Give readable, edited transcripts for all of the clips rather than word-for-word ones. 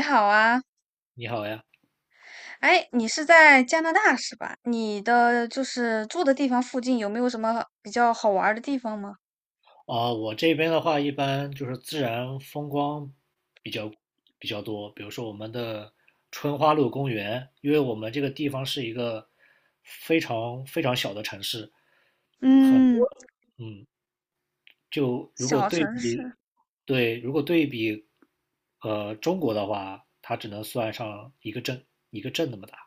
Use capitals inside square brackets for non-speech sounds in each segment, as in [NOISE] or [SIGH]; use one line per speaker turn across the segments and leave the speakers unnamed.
你好啊，
你好呀。
哎，你是在加拿大是吧？你的就是住的地方附近有没有什么比较好玩儿的地方吗？
我这边的话一般就是自然风光比较比较多，比如说我们的春花路公园。因为我们这个地方是一个非常非常小的城市，很
嗯，
多嗯，就如果
小
对
城市，
比对如果对比中国的话，它只能算上一个镇，那么大。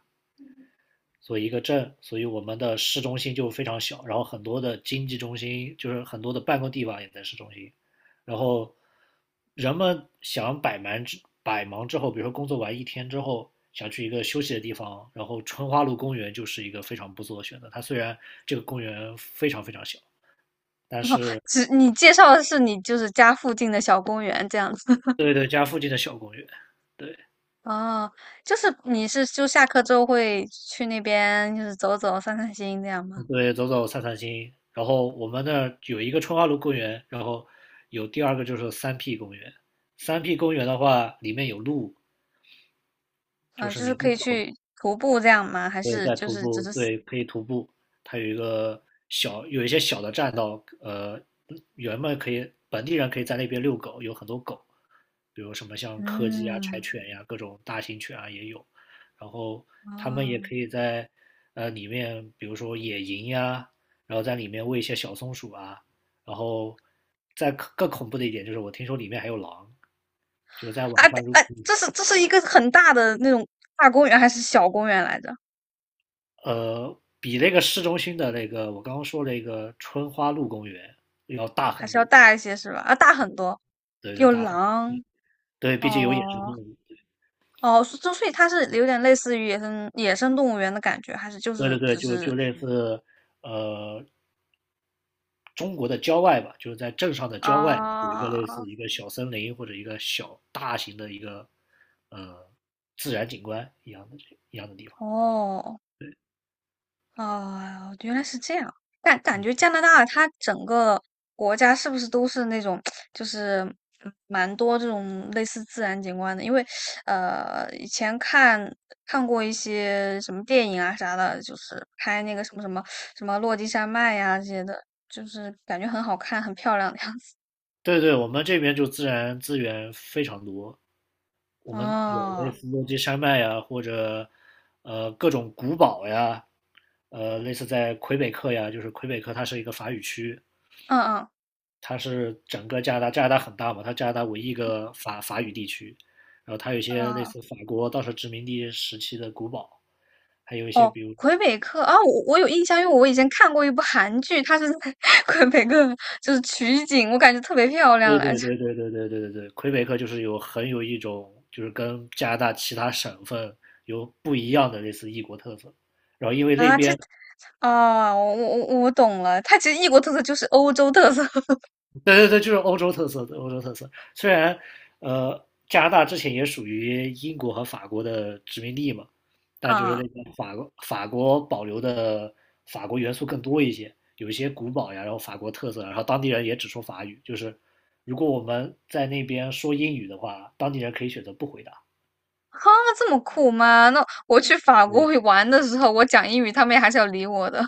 所以一个镇，所以我们的市中心就非常小，然后很多的经济中心，就是很多的办公地方也在市中心，然后人们想百忙之后，比如说工作完一天之后，想去一个休息的地方，然后春花路公园就是一个非常不错的选择。它虽然这个公园非常非常小，
[LAUGHS]
但
哦，
是
只你介绍的是你就是家附近的小公园这样子。
对对，家附近的小公园，对，
哦，就是你是就下课之后会去那边就是走走散散心这样吗？
对，走走散散心。然后我们那儿有一个春花路公园，然后有第二个就是三 P 公园。三 P 公园的话，里面有路，就
嗯、
是
就是
你
可以
走
去徒步这样吗？还
对，
是
在
就
徒
是只
步，
是
对，可以徒步。它有一个小，有一些小的栈道，人们可以，本地人可以在那边遛狗，有很多狗，比如什么像柯基啊、柴
嗯
犬呀、各种大型犬啊也有。然后他们也
哦
可以在里面，比如说野营呀，然后在里面喂一些小松鼠啊。然后再更恐怖的一点就是，我听说里面还有狼，就是在
啊
晚上如
啊，这是这是一个很大的那种大公园还是小公园来着？
比那个市中心的那个我刚刚说那个春花路公园要大
还
很
是要
多。
大一些是吧？啊，大很多，
对对
有狼
对，毕竟有野生动
哦
物。
哦，所所以它是有点类似于野生野生动物园的感觉，还是就
对
是
对对，
只
就
是
就类似呃中国的郊外吧，就是在镇上的郊外有一个类似一
啊
个小森林，或者一个小大型的一个自然景观一样的地方。
哦哦，原来是这样。但感觉加拿大它整个国家是不是都是那种，[TSK] 就是嗯蛮多这种类似自然景观的？因为以前看看过一些什么电影啊啥的，就是拍那个什么什么什么落基山脉呀、这些的，就是感觉很好看、很漂亮的样子。
对对，我们这边就自然资源非常多，我们有类
哦，
似落基山脉呀，或者各种古堡呀。类似在魁北克呀，就是魁北克它是一个法语区，
嗯嗯
它是整个加拿大，加拿大很大嘛，它加拿大唯一一个法语地区，然后它有一些类
嗯。
似法国当时殖民地时期的古堡，还有一些
哦，
比如，
魁北克啊，我有印象，因为我以前看过一部韩剧，它是在 [LAUGHS] 魁北克，就是取景，我感觉特别漂亮
对对
来着。
对对对对对对对，魁北克就是有很有一种就是跟加拿大其他省份有不一样的类似异国特色，然后因为那
啊，这
边
啊，我懂了，它其实异国特色就是欧洲特色 [LAUGHS]
对对对，就是欧洲特色的欧洲特色。虽然加拿大之前也属于英国和法国的殖民地嘛，但就是
啊，
那个法国保留的法国元素更多一些，有一些古堡呀，然后法国特色啊，然后当地人也只说法语。就是如果我们在那边说英语的话，当地人可以选择不回答。
哈，这么酷吗？那我去法国
对，
会玩的时候，我讲英语，他们也还是要理我的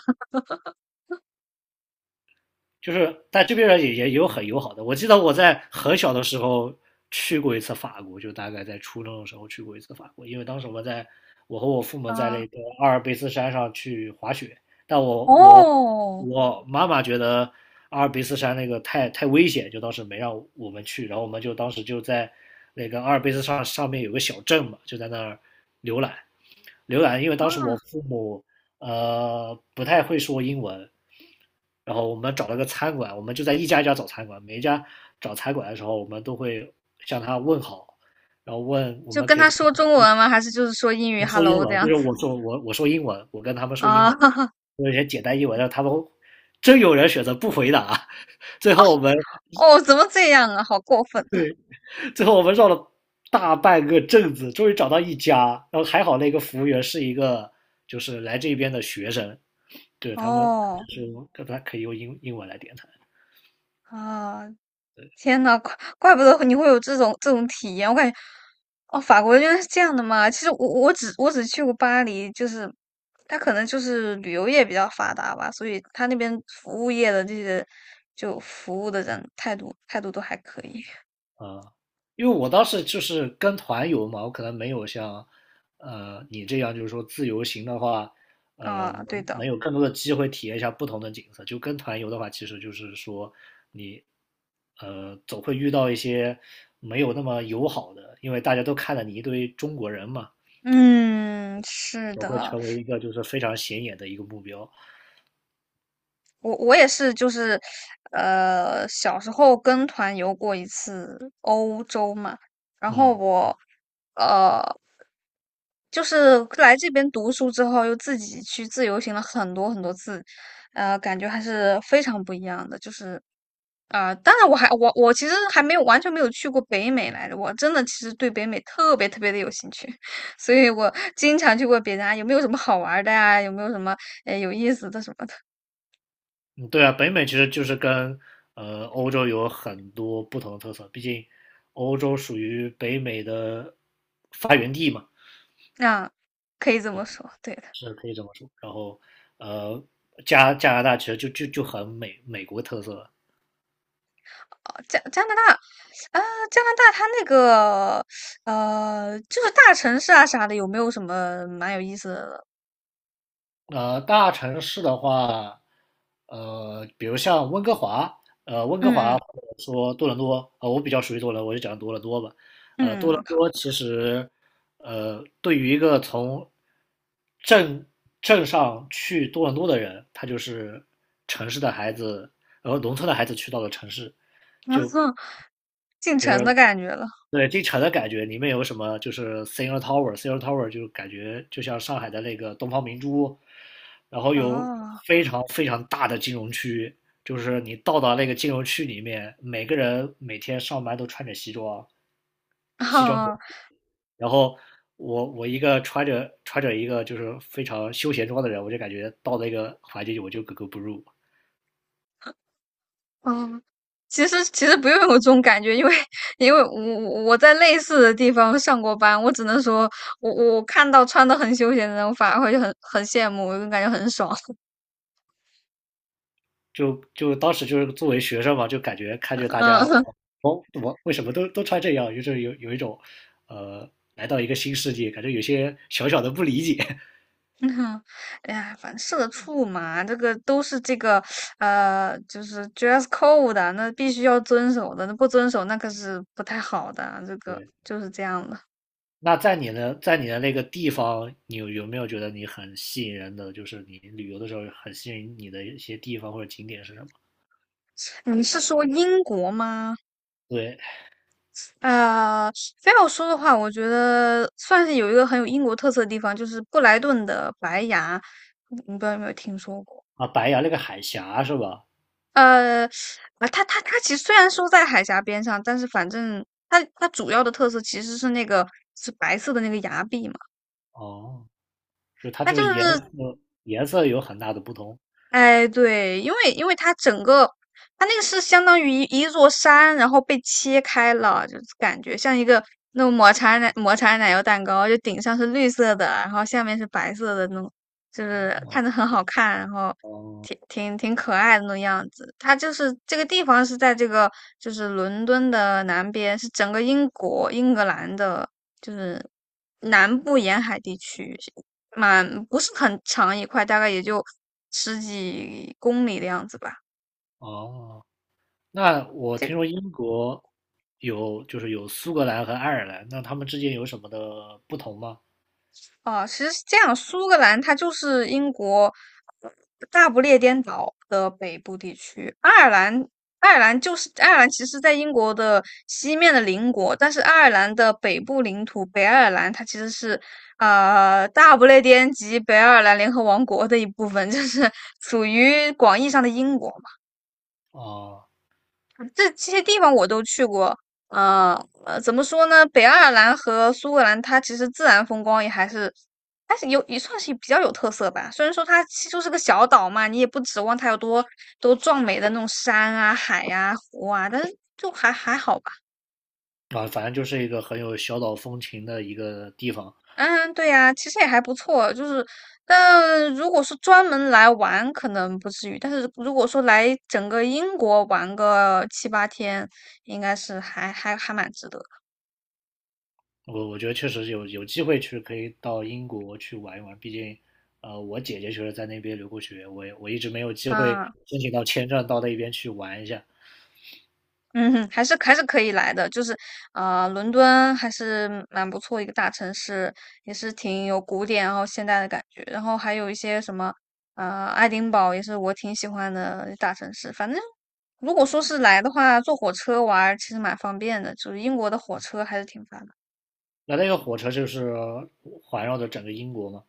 就是但这边人也有很友好的。我记得我在很小的时候去过一次法国，就大概在初中的时候去过一次法国，因为当时我们在，我和我父
[LAUGHS] 啊。
母在那个阿尔卑斯山上去滑雪，但
哦，
我妈妈觉得阿尔卑斯山那个太危险，就当时没让我们去，然后我们就当时就在那个阿尔卑斯山上面有个小镇嘛，就在那儿浏览。浏览，因为当时我
啊，
父母不太会说英文，然后我们找了个餐馆，我们就在一家一家找餐馆，每一家找餐馆的时候，我们都会向他问好，然后问我
就
们
跟
可以
他
在
说中文吗？还是就是说英语
说英
“hello” 这
文。
样
就是
子
我说英文，我跟他们说英
啊？
文，
[LAUGHS]
有些简单英文，让他们真有人选择不回答。[LAUGHS] 最后我们
哦，怎么这样啊？好过分
最后我们绕了大半个镇子，终于找到一家，然后还好那个服务员是一个就是来这边的学生。对，
啊！
他们
哦，
就是他可以用英文来点餐
啊，天呐，怪怪不得你会有这种这种体验，我感觉，哦，法国原来是这样的嘛。其实我只去过巴黎，就是它可能就是旅游业比较发达吧，所以它那边服务业的这些就服务的人态度态度都还可以
啊，因为我当时就是跟团游嘛，我可能没有像你这样，就是说自由行的话，呃
啊。
能
对的，
能有更多的机会体验一下不同的景色。就跟团游的话，其实就是说你总会遇到一些没有那么友好的，因为大家都看了你一堆中国人嘛，
嗯，是
总会
的，
成为一个就是非常显眼的一个目标。
我也是，就是小时候跟团游过一次欧洲嘛，然后
嗯。
我。呃，就是来这边读书之后，又自己去自由行了很多很多次，感觉还是非常不一样的。就是，啊、当然我其实还没有完全没有去过北美来着，我真的其实对北美特别特别的有兴趣，[LAUGHS] 所以我经常去问别人啊，有没有什么好玩儿的呀、有没有什么有意思的什么的，
嗯，对啊，北美其实就是跟欧洲有很多不同的特色，毕竟欧洲属于北美的发源地嘛，
那、可以这么说，对的。
是可以这么说。然后呃，加拿大其实就很美国特色了。
哦，加加拿大，啊、加拿大它那个就是大城市啊啥的，有没有什么蛮有意思的？
大城市的话，比如像温哥华，温哥
嗯
华
嗯
或者说多伦多。我比较熟悉多伦多，我就讲多伦多吧。多
嗯，
伦
好，
多其实，对于一个从镇镇上去多伦多的人，他就是城市的孩子，然后农村的孩子去到了城市，
[LAUGHS]
就
进
就
城的
是
感觉了。
对进城的感觉。里面有什么就是 Singer Tower，Singer Tower 就感觉就像上海的那个东方明珠，然后有
哦，
非常非常大的金融区，就是你到达那个金融区里面，每个人每天上班都穿着西装，
哦，
然后我一个穿着一个就是非常休闲装的人，我就感觉到那个环境里我就格格不入。
嗯，其实其实不用有这种感觉，因为因为我在类似的地方上过班，我只能说我看到穿的很休闲的人，我反而会很很羡慕，我就感觉很爽。
就当时就是作为学生嘛，就感觉看着
[LAUGHS]
大家，
嗯，
我我为什么都穿这样，就是有一种呃来到一个新世界，感觉有些小小的不理解。[LAUGHS]
嗯哎呀，反正社畜嘛，这个都是这个就是 dress code 的，那必须要遵守的，那不遵守那可是不太好的啊，这个
对，
就是这样的。
那在你的那个地方，你有没有觉得你很吸引人的，就是你旅游的时候很吸引你的一些地方或者景点是什么？
你是说英国吗？
对
呃，非要说的话，我觉得算是有一个很有英国特色的地方，就是布莱顿的白崖，你不知道有没有听说过？
啊，白崖那个海峡是吧？
呃，啊，它其实虽然说在海峡边上，但是反正它主要的特色其实是那个是白色的那个崖壁嘛，
哦，就它
它
就
就
是
是
颜色有很大的不同。
哎，对，因为因为它整个，它那个是相当于一座山，然后被切开了，就是感觉像一个那种抹茶奶油蛋糕，就顶上是绿色的，然后下面是白色的那种，就是看着很好看，然后
哦
挺可爱的那种样子。它就是这个地方是在这个就是伦敦的南边，是整个英国英格兰的，就是南部沿海地区，蛮不是很长一块，大概也就10几公里的样子吧。
哦。那我
这
听
个
说英国就是有苏格兰和爱尔兰，那他们之间有什么的不同吗？
啊，其实是这样，苏格兰它就是英国呃大不列颠岛的北部地区，爱尔兰。爱尔兰就是爱尔兰，其实在英国的西面的邻国，但是爱尔兰的北部领土北爱尔兰，它其实是大不列颠及北爱尔兰联合王国的一部分，就是 [LAUGHS] 属于广义上的英国。
啊、
这这些地方我都去过。呃呃，怎么说呢？北爱尔兰和苏格兰，它其实自然风光也还是，还是有也算是比较有特色吧。虽然说它其实就是个小岛嘛，你也不指望它有多多壮美的那种山啊、海呀、湖啊，但是就还还好吧。
啊，反正就是一个很有小岛风情的一个地方。
嗯，对呀，其实也还不错。就是，但如果是专门来玩，可能不至于。但是如果说来整个英国玩个七八天，应该是还蛮值得的。
我我觉得确实有机会去可以到英国去玩一玩。毕竟，我姐姐确实在那边留过学，我也我一直没有机会
嗯。
申请到签证到那边去玩一下。
嗯哼，还是还是可以来的，就是，啊，伦敦还是蛮不错一个大城市，也是挺有古典然后现代的感觉，然后还有一些什么，爱丁堡也是我挺喜欢的大城市。反正如果说是来的话，坐火车玩儿其实蛮方便的，就是英国的火车还是挺发达的，
那个火车就是环绕着整个英国嘛，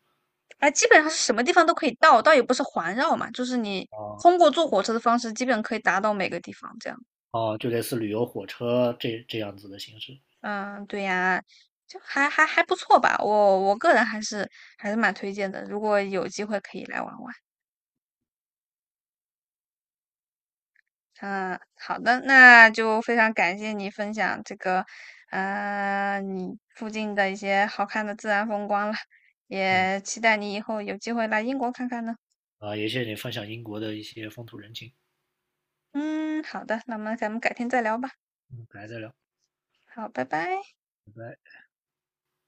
哎，基本上是什么地方都可以到，倒也不是环绕嘛，就是你
啊、
通过坐火车的方式，基本可以达到每个地方这样。
啊，就类似旅游火车这这样子的形式，
嗯，对呀，就还不错吧，我个人还是还是蛮推荐的，如果有机会可以来玩玩。嗯，好的，那就非常感谢你分享这个，你附近的一些好看的自然风光了，
嗯。
也期待你以后有机会来英国看看呢。
啊，也谢谢你分享英国的一些风土人情，
嗯，好的，那么咱们改天再聊吧。
嗯，改得了。
好，拜拜。